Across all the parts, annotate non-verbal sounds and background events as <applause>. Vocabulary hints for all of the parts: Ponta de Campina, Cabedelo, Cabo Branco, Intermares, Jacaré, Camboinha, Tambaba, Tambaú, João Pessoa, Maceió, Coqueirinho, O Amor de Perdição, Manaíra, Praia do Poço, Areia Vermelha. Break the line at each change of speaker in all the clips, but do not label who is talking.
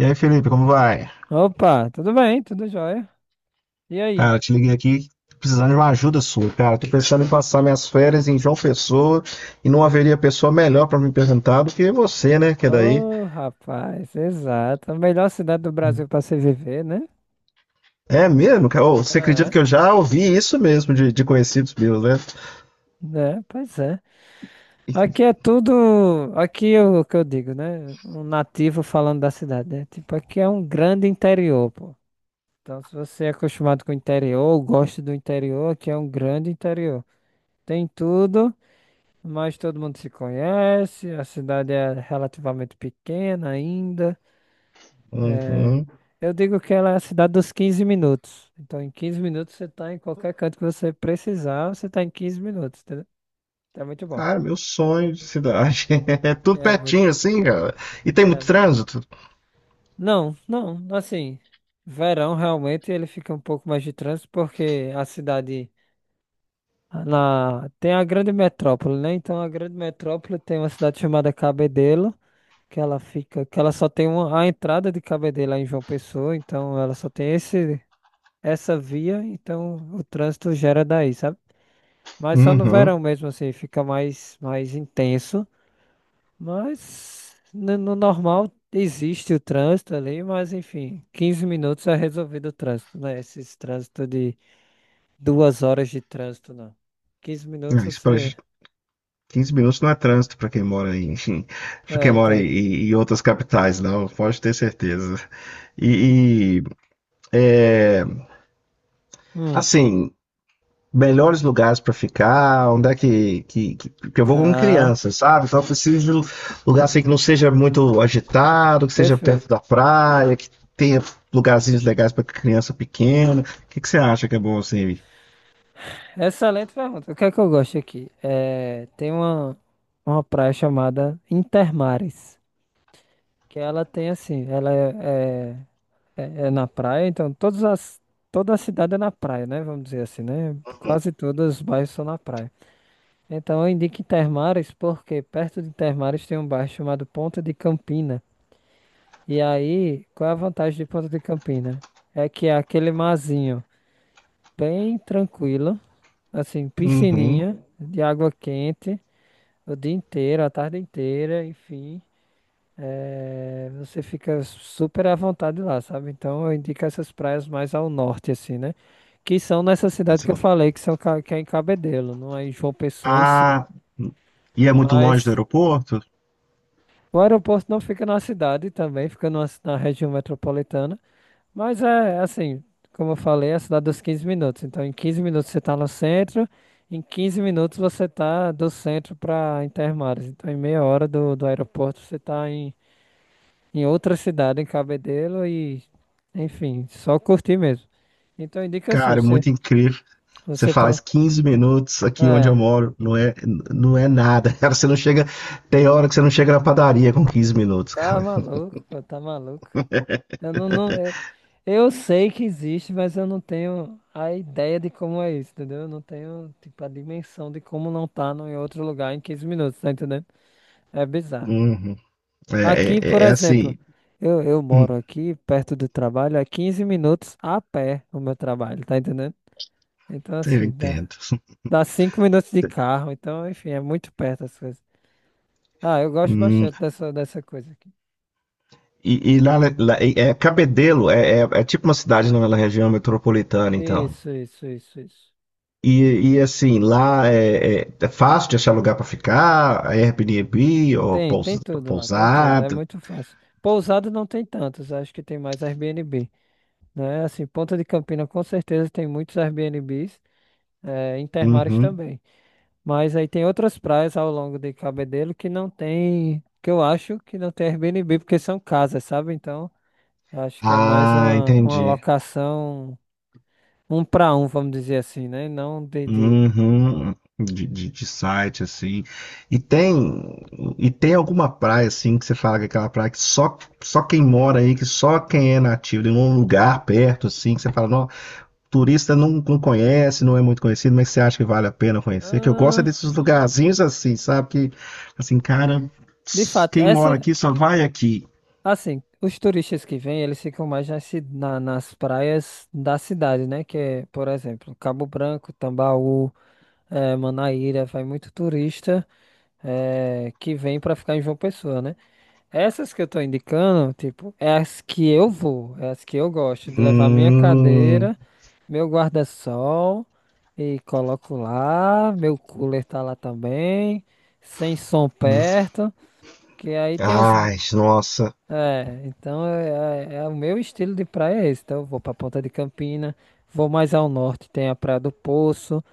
E aí, Felipe, como vai?
Opa, tudo bem, tudo jóia. E aí?
Cara, te liguei aqui precisando de uma ajuda sua, cara. Tô pensando em passar minhas férias em João Pessoa e não haveria pessoa melhor pra me perguntar do que você, né? Que é daí.
Ô, rapaz, exato. A melhor cidade do Brasil para se viver, né?
É mesmo, cara? Ô, você acredita
É,
que eu já ouvi isso mesmo de conhecidos meus, né?
né? Pois é. Aqui é tudo. Aqui é o que eu digo, né? Um nativo falando da cidade, né? Tipo, aqui é um grande interior, pô. Então, se você é acostumado com o interior, ou gosta do interior, aqui é um grande interior. Tem tudo, mas todo mundo se conhece. A cidade é relativamente pequena ainda. É,
Uhum.
eu digo que ela é a cidade dos 15 minutos. Então, em 15 minutos você tá em qualquer canto que você precisar, você tá em 15 minutos, entendeu? É muito bom.
Cara, meu sonho de cidade. <laughs> É tudo
É muito,
pertinho assim, cara. E tem
é
muito
muito.
trânsito?
Não, não, assim, verão realmente ele fica um pouco mais de trânsito porque a cidade na tem a grande metrópole, né? Então a grande metrópole tem uma cidade chamada Cabedelo, que ela fica, que ela só tem uma, a entrada de Cabedelo é em João Pessoa, então ela só tem esse essa via, então o trânsito gera daí, sabe? Mas só no verão
Uhum.
mesmo, assim, fica mais, mais intenso. Mas no, no normal existe o trânsito ali, mas enfim, 15 minutos é resolvido o trânsito, né? Esses trânsito de 2 horas de trânsito, não. 15 minutos
Ah, isso pra-
você.
15 minutos não é trânsito para quem mora em, <laughs> para
É,
quem mora
então.
em outras capitais, não, pode ter certeza.
Hum.
E, é,
Hum,
assim, melhores lugares para ficar, onde é que eu vou com
tá.
criança, sabe? Então eu preciso de um lugar assim que não seja muito agitado, que seja perto
Perfeito.
da praia, que tenha lugarzinhos legais para criança pequena. O que, que você acha que é bom assim?
Excelente pergunta. O que é que eu gosto aqui? É, tem uma praia chamada Intermares. Que ela tem assim, ela é na praia, então toda a cidade é na praia, né? Vamos dizer assim, né?
Uhum.
Quase todos os bairros são na praia. Então eu indico Intermares, porque perto de Intermares tem um bairro chamado Ponta de Campina. E aí, qual é a vantagem de Ponta de Campina? É que é aquele marzinho bem tranquilo, assim,
Uhum.
piscininha de água quente o dia inteiro, a tarde inteira, enfim. É, você fica super à vontade lá, sabe? Então eu indico essas praias mais ao norte, assim, né? Que são nessa cidade
Mas,
que eu
ó.
falei, que é em Cabedelo, não é em João Pessoa em si.
Ah, e é muito longe do
Mas
aeroporto?
o aeroporto não fica na cidade também, fica na região metropolitana. Mas é assim, como eu falei, é a cidade dos 15 minutos. Então em 15 minutos você está no centro, em 15 minutos você está do centro para Intermares. Então em meia hora do aeroporto você está em outra cidade, em Cabedelo e, enfim, só curtir mesmo. Então indica assim,
Cara,
você,
muito incrível. Você
você
faz
pro.
15 minutos aqui onde eu
É,
moro, não é, não é nada, <laughs> cara. Você não chega. Tem hora que você não chega na padaria com 15 minutos,
tá
cara.
maluco, pô, tá maluco. Eu não, não, eu sei que existe, mas eu não tenho a ideia de como é isso, entendeu? Eu não tenho, tipo, a dimensão de como não tá no, em outro lugar em 15 minutos, tá entendendo? É bizarro.
Uhum. É,
Aqui, por
é, é
exemplo,
assim.
eu
Hum,
moro aqui, perto do trabalho, é 15 minutos a pé o meu trabalho, tá entendendo? Então,
eu
assim,
entendo.
Dá 5 minutos de carro, então, enfim, é muito perto as coisas. Ah, eu gosto
Hum,
bastante dessa coisa aqui.
e Cabedelo é tipo uma cidade na região metropolitana, então.
Isso, isso, isso, isso.
E assim, lá é fácil de achar lugar para ficar. É Airbnb ou
Tem, tem
pous-
tudo lá, tem tudo, é
pousada.
muito fácil. Pousada não tem tantos, acho que tem mais Airbnb, né? Assim, Ponta de Campina com certeza tem muitos Airbnbs, é, Intermares
Uhum.
também. Mas aí tem outras praias ao longo de Cabedelo que não tem, que eu acho que não tem Airbnb, porque são casas, sabe? Então, eu acho que é mais
Ah,
uma
entendi.
locação. Um para um, vamos dizer assim, né? Não de...
Uhum, de site, assim. E tem, e tem alguma praia, assim, que você fala que é aquela praia que só quem mora aí, que só quem é nativo, em um lugar perto, assim, que você fala, não, turista não conhece, não é muito conhecido, mas você acha que vale a pena conhecer? Que eu gosto é
Ah,
desses lugarzinhos assim, sabe? Que, assim, cara,
de fato,
quem mora aqui só vai aqui.
assim, os turistas que vêm, eles ficam mais nas praias da cidade, né? Que é, por exemplo, Cabo Branco, Tambaú, Manaíra, vai muito turista que vem para ficar em João Pessoa, né? Essas que eu tô indicando, tipo, é as que eu vou, é as que eu gosto de levar minha
Hum,
cadeira, meu guarda-sol e coloco lá, meu cooler tá lá também, sem som perto, que aí tem os...
ai, nossa.
É, então é o meu estilo de praia é esse, então eu vou pra Ponta de Campina, vou mais ao norte, tem a Praia do Poço,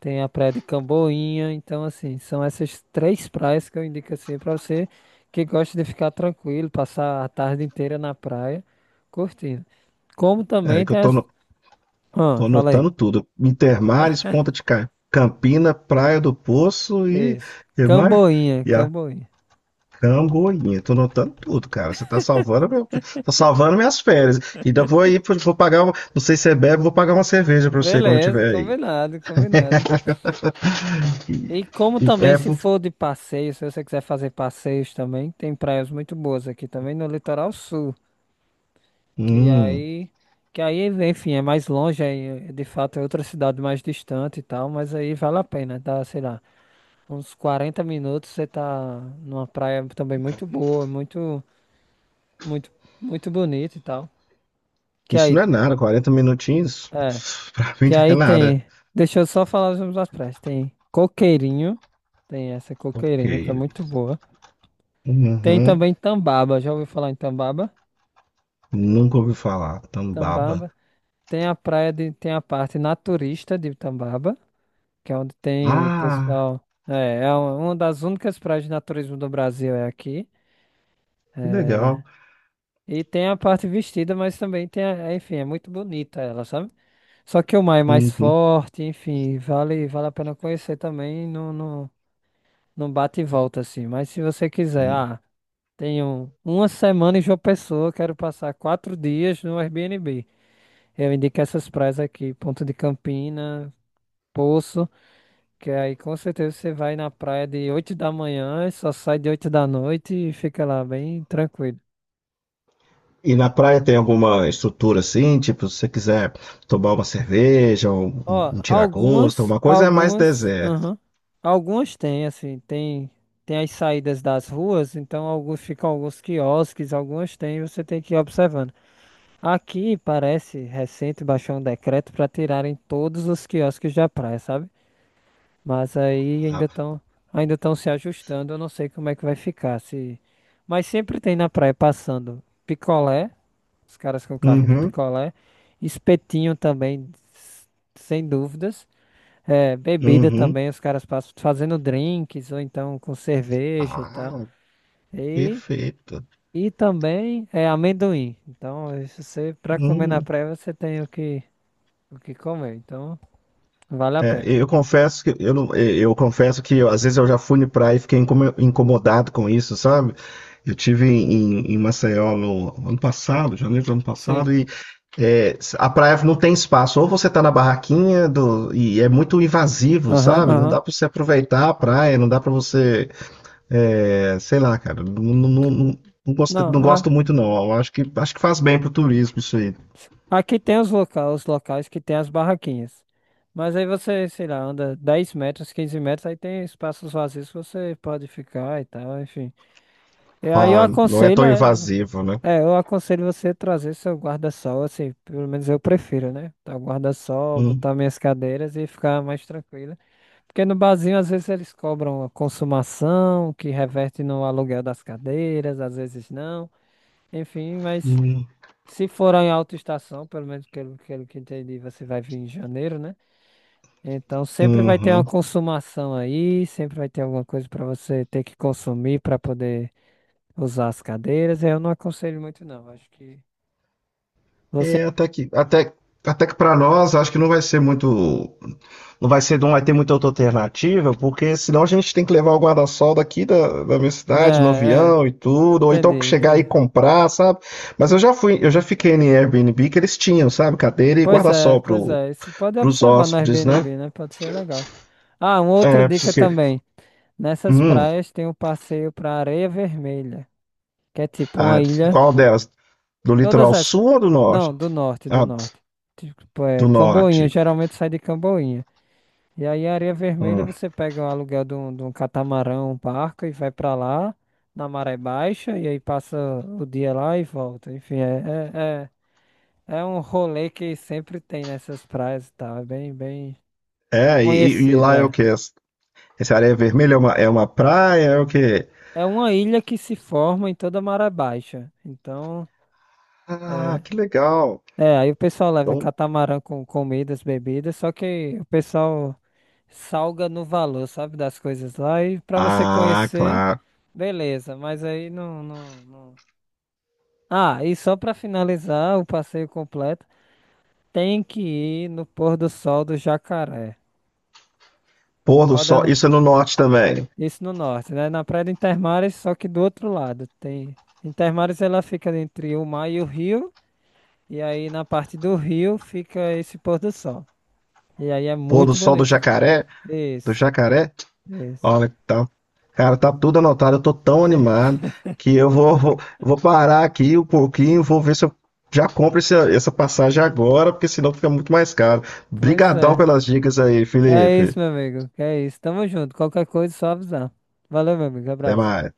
tem a praia de Camboinha, então assim, são essas três praias que eu indico assim pra você que gosta de ficar tranquilo, passar a tarde inteira na praia, curtindo. Como
É
também
que eu
tem
tô
as...
no,
Ah,
Tô
fala aí.
anotando tudo. Intermares, Ponta de Campina, Praia do Poço
Isso.
e mais?
Camboinha,
E a
Camboinha.
Camboinha. Tô anotando tudo, cara. Você tá salvando, meu, tá salvando minhas férias. Ainda vou aí, vou pagar, não sei se você bebe, vou pagar uma cerveja pra você quando eu
Beleza,
tiver aí.
combinado, combinado.
E-
E como
e-
também
é,
se
pô.
for de passeio, se você quiser fazer passeios também, tem praias muito boas aqui também no litoral sul. Que
Hum,
aí, que aí, enfim, é mais longe, aí, é, de fato é outra cidade mais distante e tal, mas aí vale a pena, tá, sei lá, uns 40 minutos você tá numa praia também muito boa, muito, muito, muito bonita e tal. Que
isso
aí,
não é nada. 40 minutinhos,
é,
pff, pra mim
que
não
aí
é nada.
tem, deixa eu só falar os nomes das praias, tem Coqueirinho, tem essa
Ok.
Coqueirinho, que é muito boa. Tem
Uhum.
também Tambaba, já ouviu falar em Tambaba?
Nunca ouvi falar. Tambaba.
Tambaba. Tem a praia de, tem a parte naturista de Tambaba, que é onde tem o
Ah,
pessoal. É, é uma das únicas praias de naturismo do Brasil é aqui.
que
É,
legal.
e tem a parte vestida, mas também tem a, é, enfim, é muito bonita ela, sabe? Só que o mar é mais
Uhum.
forte, enfim, vale, vale a pena conhecer também, não, não, não bate e volta assim. Mas se você quiser, ah, tenho uma semana em João Pessoa, quero passar 4 dias no Airbnb. Eu indico essas praias aqui, Ponta de Campina, Poço. Que aí com certeza você vai na praia de 8 da manhã e só sai de 8 da noite e fica lá bem tranquilo.
E na praia tem alguma estrutura assim, tipo, se você quiser tomar uma cerveja, um, um
Ó,
um tiragosto,
algumas,
alguma coisa, é mais
algumas,
deserto.
aham, algumas tem, assim, tem as saídas das ruas, então alguns ficam alguns quiosques, algumas tem, você tem que ir observando. Aqui parece recente baixou um decreto para tirarem todos os quiosques da praia, sabe? Mas aí
Ah,
ainda estão se ajustando. Eu não sei como é que vai ficar. Se... Mas sempre tem na praia passando picolé, os caras com carrinho de
uhum,
picolé, espetinho também, sem dúvidas. É, bebida
uhum.
também, os caras passam fazendo drinks ou então com cerveja e tal.
Ah,
E,
perfeito.
e também é amendoim. Então, isso você para comer na
Hum.
praia você tem o que comer. Então, vale a
É,
pena.
eu confesso que eu, não, eu confesso que às vezes eu já fui na praia e fiquei incomodado com isso, sabe? Eu tive em Maceió no ano passado, janeiro do ano
Sim.
passado, e a praia não tem espaço. Ou você tá na barraquinha e é muito invasivo,
Aham,
sabe? Não
aham.
dá pra você aproveitar a praia, não dá pra você, sei lá, cara. Não, não, não- não- não gosto, não
Não,
gosto muito não. Eu acho que faz bem pro turismo isso aí.
aqui tem os locais que tem as barraquinhas. Mas aí você, sei lá, anda 10 metros, 15 metros, aí tem espaços vazios que você pode ficar e tal, enfim. E aí eu
Ah, não é
aconselho,
tão invasivo, né?
eu aconselho você trazer seu guarda-sol, assim, pelo menos eu prefiro, né? Tá o guarda-sol,
Hum,
botar minhas cadeiras e ficar mais tranquila. Porque no barzinho, às vezes, eles cobram a consumação, que reverte no aluguel das cadeiras, às vezes não. Enfim, mas
hum,
se for em alta estação, pelo menos pelo que entendi, você vai vir em janeiro, né? Então sempre vai ter uma
uhum.
consumação aí, sempre vai ter alguma coisa para você ter que consumir para poder usar as cadeiras. Eu não aconselho muito, não. Acho que você.
É, até que para nós, acho que não vai ser muito, não vai ser, não vai ter muita outra alternativa, porque senão a gente tem que levar o guarda-sol daqui da minha cidade, no
Né, é,
avião e tudo, ou
entendi,
então chegar e
entendi.
comprar, sabe? Mas eu já fui, eu já fiquei em Airbnb que eles tinham, sabe? Cadeira e
Pois é,
guarda-sol
pois
pro,
é. Isso pode
pros
observar no
hóspedes, né?
Airbnb, né? Pode ser legal. Ah, uma outra
É, porque,
dica também. Nessas
hum,
praias tem um passeio para Areia Vermelha, que é tipo uma
ah,
ilha.
qual delas? Do
Todas
litoral
essas.
sul ou do norte?
Não, do norte, do
Ah,
norte. Tipo, é
do
Camboinha,
norte.
geralmente sai de Camboinha. E aí, Areia Vermelha,
Hum.
você pega o aluguel de um catamarão, um barco e vai pra lá, na maré baixa, e aí passa o dia lá e volta. Enfim, é um rolê que sempre tem nessas praias e tal. É bem, bem
É, e
conhecido,
lá é o
é.
quê? Essa areia vermelha é uma praia? É o quê?
É uma ilha que se forma em toda a maré baixa. Então,
Ah,
é,
que legal.
aí o pessoal leva
Então,
catamarã com comidas, bebidas, só que o pessoal salga no valor, sabe, das coisas lá e pra você
ah,
conhecer,
claro.
beleza, mas aí não, não, não. Ah, e só pra finalizar o passeio completo, tem que ir no pôr do sol do Jacaré.
Pôr do
Roda
sol,
na-
isso é no norte também.
isso no norte, né? Na Praia de Intermares, só que do outro lado. Tem Intermares ela fica entre o mar e o rio, e aí na parte do rio fica esse pôr do sol. E aí é
Pôr do
muito
sol do
bonito.
jacaré, do
Isso,
jacaré.
isso.
Olha, tá, cara, tá tudo anotado. Eu tô tão
Tem-
animado que eu vou parar aqui um pouquinho, vou ver se eu já compro essa passagem agora, porque senão fica muito mais caro.
Pois
Brigadão
é.
pelas dicas aí,
Que é
Felipe.
isso, meu amigo. Que é isso. Tamo junto. Qualquer coisa, é só avisar. Valeu, meu amigo.
Até
Abraço.
mais.